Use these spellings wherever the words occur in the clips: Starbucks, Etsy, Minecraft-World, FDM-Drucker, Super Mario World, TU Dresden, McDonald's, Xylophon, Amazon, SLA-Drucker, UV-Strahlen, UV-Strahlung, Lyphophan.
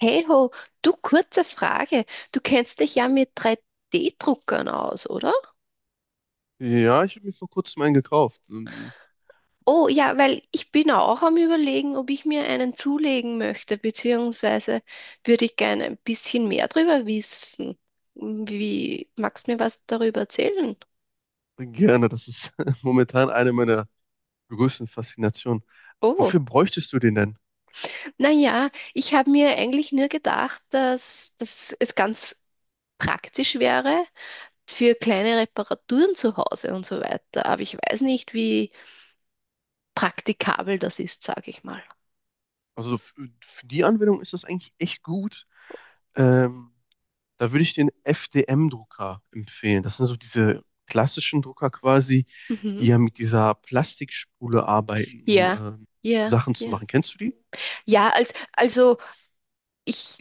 Hey ho, du kurze Frage. Du kennst dich ja mit 3D-Druckern aus, oder? Ja, ich habe mir vor kurzem einen gekauft. Oh ja, weil ich bin auch am Überlegen, ob ich mir einen zulegen möchte, beziehungsweise würde ich gerne ein bisschen mehr darüber wissen. Wie, magst du mir was darüber erzählen? Gerne, das ist momentan eine meiner größten Faszinationen. Oh, Wofür bräuchtest du den denn? naja, ich habe mir eigentlich nur gedacht, dass es ganz praktisch wäre für kleine Reparaturen zu Hause und so weiter. Aber ich weiß nicht, wie praktikabel das ist, sage ich mal. Also für die Anwendung ist das eigentlich echt gut. Ähm, Da würde ich den FDM-Drucker empfehlen. Das sind so diese klassischen Drucker quasi, die Mhm. ja mit dieser Plastikspule arbeiten, um Ja, ja, Sachen zu ja. machen. Kennst du die? Ja, also ich,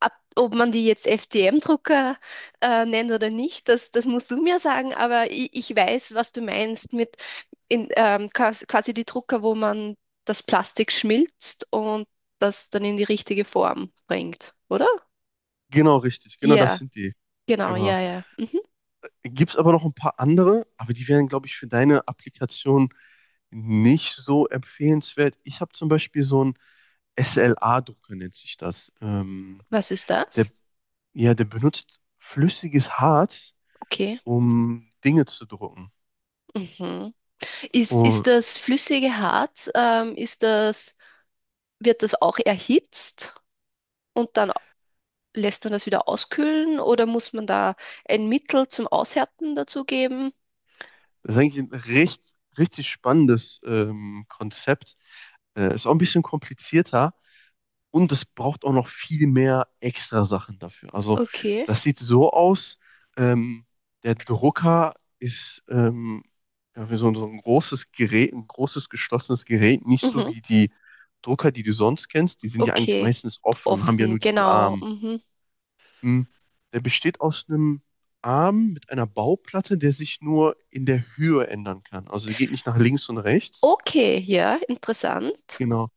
ob man die jetzt FDM-Drucker nennt oder nicht, das musst du mir sagen, aber ich weiß, was du meinst mit quasi die Drucker, wo man das Plastik schmilzt und das dann in die richtige Form bringt, oder? Genau, richtig. Genau, das Ja, sind die. genau, Genau. ja, ja. Mhm. Gibt es aber noch ein paar andere, aber die wären, glaube ich, für deine Applikation nicht so empfehlenswert. Ich habe zum Beispiel so einen SLA-Drucker, nennt sich das. Was ist der, das? ja, der benutzt flüssiges Harz, Okay. um Dinge zu drucken. Mhm. Ist Und das flüssige Harz? Ist das wird das auch erhitzt und dann lässt man das wieder auskühlen oder muss man da ein Mittel zum Aushärten dazugeben? das ist eigentlich ein richtig spannendes Konzept. Ist auch ein bisschen komplizierter. Und es braucht auch noch viel mehr extra Sachen dafür. Also Okay. das sieht so aus, ähm, der Drucker ist ja, wie so ein großes Gerät, ein großes geschlossenes Gerät, nicht so Mhm. wie die Drucker, die du sonst kennst. Die sind ja eigentlich Okay. meistens offen und haben ja Offen, nur diesen genau. Arm. Mhm. Hm. Der besteht aus einem Arm mit einer Bauplatte, der sich nur in der Höhe ändern kann. Also der geht nicht nach links und rechts. Okay, ja, interessant. Genau.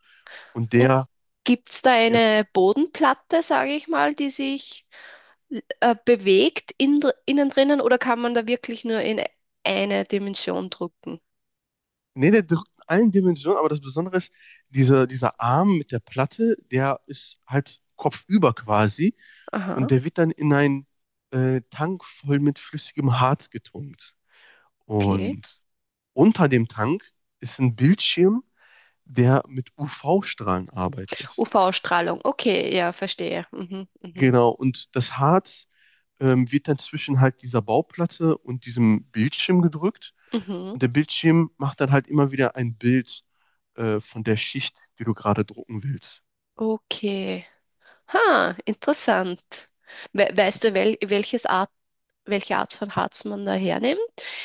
Und Und der, gibt es da ja, eine Bodenplatte, sage ich mal, die sich bewegt innen drinnen oder kann man da wirklich nur in eine Dimension drücken? Nee, der drückt in allen Dimensionen, aber das Besondere ist, dieser Arm mit der Platte, der ist halt kopfüber quasi und Aha, der wird dann in einen Tank voll mit flüssigem Harz getunkt. okay. Und unter dem Tank ist ein Bildschirm, der mit UV-Strahlen arbeitet. UV-Strahlung, okay, ja, verstehe. Mhm, mhm, Genau, und das Harz wird dann zwischen halt dieser Bauplatte und diesem Bildschirm gedrückt. mhm. Und der Bildschirm macht dann halt immer wieder ein Bild von der Schicht, die du gerade drucken willst. Okay. Ha, interessant. We weißt du, welche Art von Harz man da hernimmt?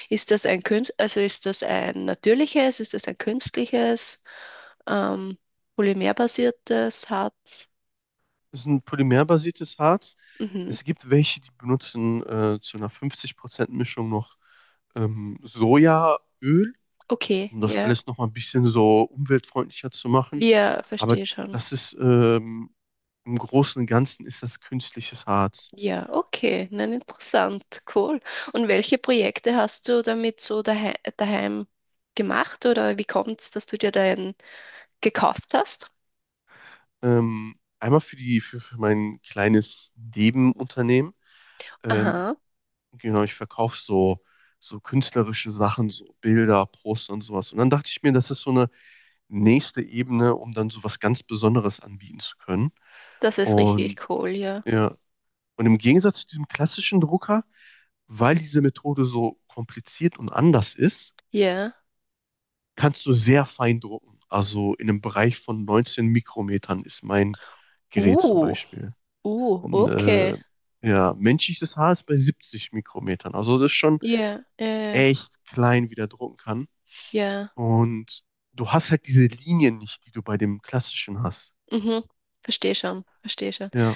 Ist das Also ist das ein natürliches, ist das ein künstliches, ähm, polymerbasiertes Harz? Das ist ein polymerbasiertes Harz. Mhm. Es gibt welche, die benutzen zu einer 50%-Mischung noch Sojaöl, Okay, um das ja. alles noch mal ein bisschen so umweltfreundlicher zu machen. Ja, Aber verstehe schon. das ist im Großen und Ganzen ist das künstliches Harz. Ja, okay. Nein, interessant. Cool. Und welche Projekte hast du damit so daheim gemacht oder wie kommt es, dass du dir deinen gekauft hast? Einmal für die für mein kleines Nebenunternehmen. Ähm, Aha. Genau, ich verkaufe so künstlerische Sachen, so Bilder, Poster und sowas. Und dann dachte ich mir, das ist so eine nächste Ebene, um dann so was ganz Besonderes anbieten zu können. Das ist Und richtig cool, ja. ja, und im Gegensatz zu diesem klassischen Drucker, weil diese Methode so kompliziert und anders ist, Ja. kannst du sehr fein drucken. Also in einem Bereich von 19 Mikrometern ist mein Gerät zum Uh, Beispiel. Und, okay. Ja, menschliches Haar ist bei 70 Mikrometern. Also das ist schon Ja, echt klein, wie der drucken kann. ja. Und du hast halt diese Linien nicht, die du bei dem klassischen hast. Mhm. Verstehe schon, verstehe schon. Ja,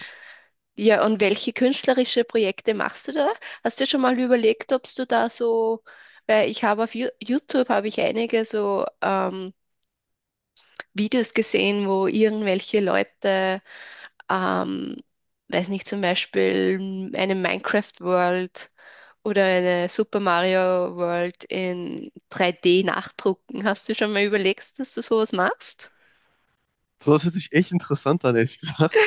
Ja, und welche künstlerische Projekte machst du da? Hast du dir schon mal überlegt, ob du da so, weil ich habe auf YouTube habe ich einige so Videos gesehen, wo irgendwelche Leute ähm, weiß nicht, zum Beispiel eine Minecraft-World oder eine Super Mario World in 3D nachdrucken. Hast du schon mal überlegt, dass du sowas machst? so das hört sich echt interessant an, ehrlich gesagt.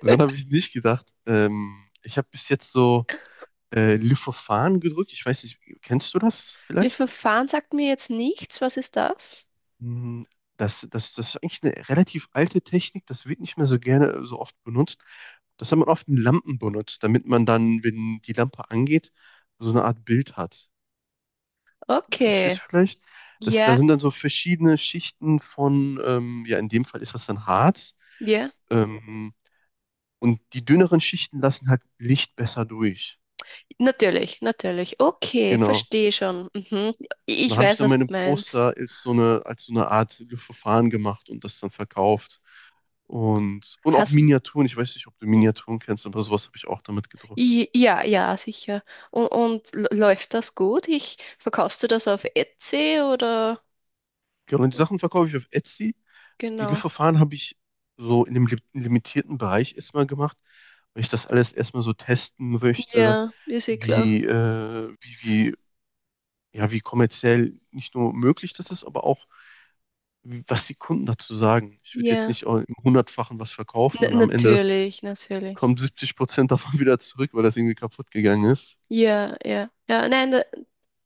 Daran habe ich nicht gedacht. Ich habe bis jetzt so Lyphophan gedrückt. Ich weiß nicht, kennst du das Le vielleicht? Verfahren sagt mir jetzt nichts. Was ist das? Hm. Das ist eigentlich eine relativ alte Technik. Das wird nicht mehr so gerne so oft benutzt. Das hat man oft in Lampen benutzt, damit man dann, wenn die Lampe angeht, so eine Art Bild hat. Verstehst Okay. du vielleicht? Da Ja, sind dann so verschiedene Schichten von, ja, in dem Fall ist das dann Harz. ja. Ähm, und die dünneren Schichten lassen halt Licht besser durch. Natürlich, natürlich. Okay, Genau. verstehe schon. Mhm. Und Ich dann habe ich weiß, dann was meine du meinst. Poster als so eine Art Verfahren gemacht und das dann verkauft. Und auch Hast Miniaturen. Ich weiß nicht, ob du Miniaturen kennst, aber sowas habe ich auch damit gedruckt. Ja, ja, sicher. Und läuft das gut? Verkaufst du das auf Etsy oder? Genau. Und die Sachen verkaufe ich auf Etsy. Die Genau. Löffverfahren habe ich so in dem limitierten Bereich erstmal gemacht, weil ich das alles erstmal so testen möchte, Ja, ist eh klar. wie, äh, wie, wie, ja, wie kommerziell nicht nur möglich das ist, aber auch, was die Kunden dazu sagen. Ich würde jetzt Ja. nicht auch im Hundertfachen was verkaufen und N am Ende natürlich, natürlich. kommen 70% davon wieder zurück, weil das irgendwie kaputt gegangen ist. Ja, ja. Ja, nein, da-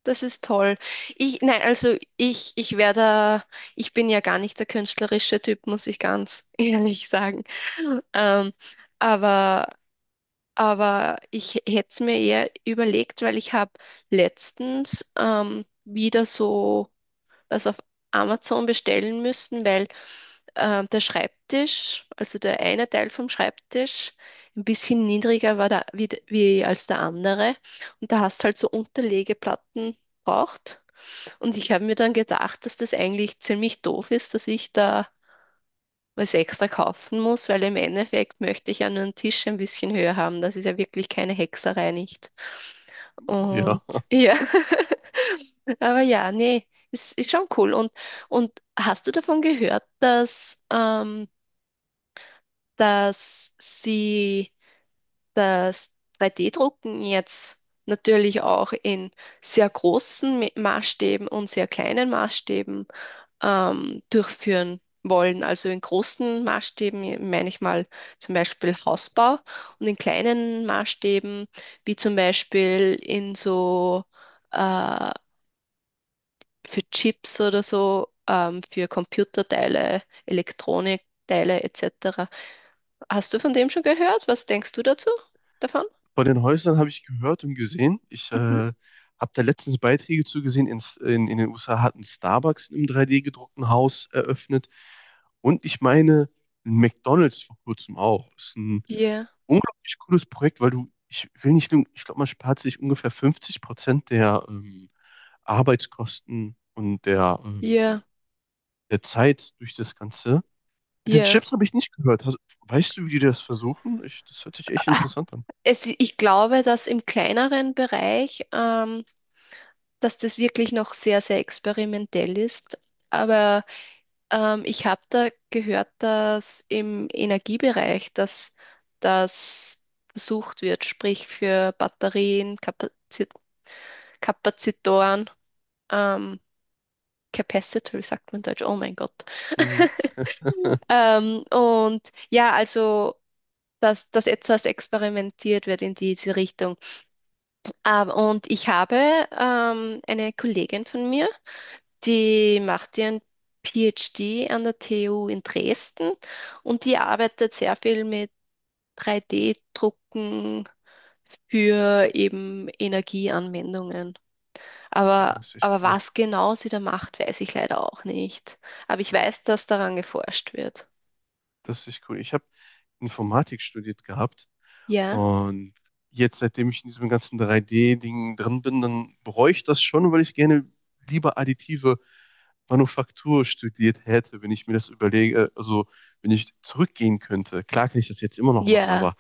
das ist toll. Nein, also ich wäre da, ich bin ja gar nicht der künstlerische Typ, muss ich ganz ehrlich sagen. Ähm, aber, aber ich hätte es mir eher überlegt, weil ich habe letztens wieder so, was auf Amazon bestellen müssen, weil der Schreibtisch, also der eine Teil vom Schreibtisch, ein bisschen niedriger war da, wie, de- wie als der andere. Und da hast halt so Unterlegeplatten braucht. Und ich habe mir dann gedacht, dass das eigentlich ziemlich doof ist, dass ich da was extra kaufen muss, weil im Endeffekt möchte ich ja nur einen Tisch ein bisschen höher haben. Das ist ja wirklich keine Hexerei, nicht? Und Ja. ja, aber ja, nee, ist schon cool. Und hast du davon gehört, dass, sie das 3D-Drucken jetzt natürlich auch in sehr großen Maßstäben und sehr kleinen Maßstäben durchführen wollen. Also in großen Maßstäben meine ich mal zum Beispiel Hausbau und in kleinen Maßstäben, wie zum Beispiel in so äh, für Chips oder so, für Computerteile, Elektronikteile etc. Hast du von dem schon gehört? Was denkst du dazu davon? Von den Häusern habe ich gehört und gesehen. Ich Mhm. habe da letztens Beiträge zugesehen. In den USA hat ein Starbucks im 3D-gedruckten Haus eröffnet. Und ich meine, ein McDonald's vor kurzem auch. Ist ein Ja. unglaublich cooles Projekt, weil du, ich will nicht lügen, ich glaube, man spart sich ungefähr 50% der Arbeitskosten und der, ähm, Ja, der Zeit durch das Ganze. Mit den ja. Chips habe ich nicht gehört. Weißt du, wie die das versuchen? Das hört sich echt interessant an. Ich glaube, dass im kleineren Bereich, das wirklich noch sehr, sehr experimentell ist. Aber ich habe da gehört, dass im Energiebereich, dass das versucht wird, sprich für Batterien, Kapazitoren, ähm, Capacitor, sagt man in Deutsch, oh mein Gott. Mhm. Und ja, also, dass das etwas experimentiert wird in diese Richtung. Aber, und ich habe eine Kollegin von mir, die macht ihren PhD an der TU in Dresden und die arbeitet sehr viel mit 3D-Drucken für eben Energieanwendungen. Das Aber, ist echt aber cool. was genau sie da macht, weiß ich leider auch nicht. Aber ich weiß, dass daran geforscht wird. Das ist echt cool. Ich habe Informatik studiert gehabt Ja? und jetzt, seitdem ich in diesem ganzen 3D-Ding drin bin, dann bereue ich das schon, weil ich gerne lieber additive Manufaktur studiert hätte, wenn ich mir das überlege, also wenn ich zurückgehen könnte. Klar kann ich das jetzt immer noch machen, Ja, aber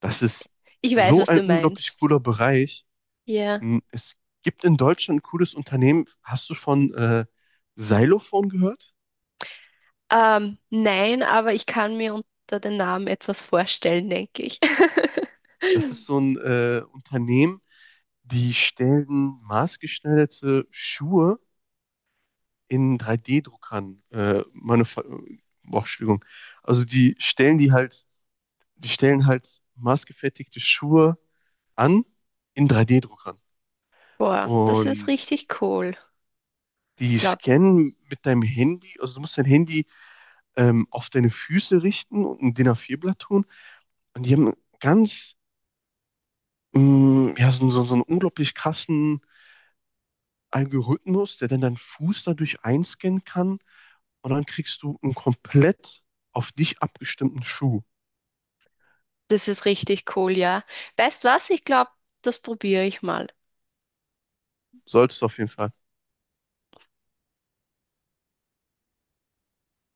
das ist ich weiß, so was ein du unglaublich meinst. cooler Bereich. Ja. Hm. Es gibt in Deutschland ein cooles Unternehmen. Hast du von Xylophon gehört? Nein, aber ich kann mir unter den Namen etwas vorstellen, denke ich. Das ist so ein Unternehmen. Die stellen maßgeschneiderte Schuhe in 3D-Druckern, Entschuldigung. Also die stellen halt maßgefertigte Schuhe an in 3D-Druckern. Boah, das ist Und richtig cool. Ich die glaube, scannen mit deinem Handy, also du musst dein Handy auf deine Füße richten und ein DIN A4-Blatt tun. Und die haben ganz, ja, so einen unglaublich krassen Algorithmus, der dann deinen Fuß dadurch einscannen kann. Und dann kriegst du einen komplett auf dich abgestimmten Schuh. das ist richtig cool, ja. Weißt was? Ich glaube, das probiere ich mal. Solltest du auf jeden Fall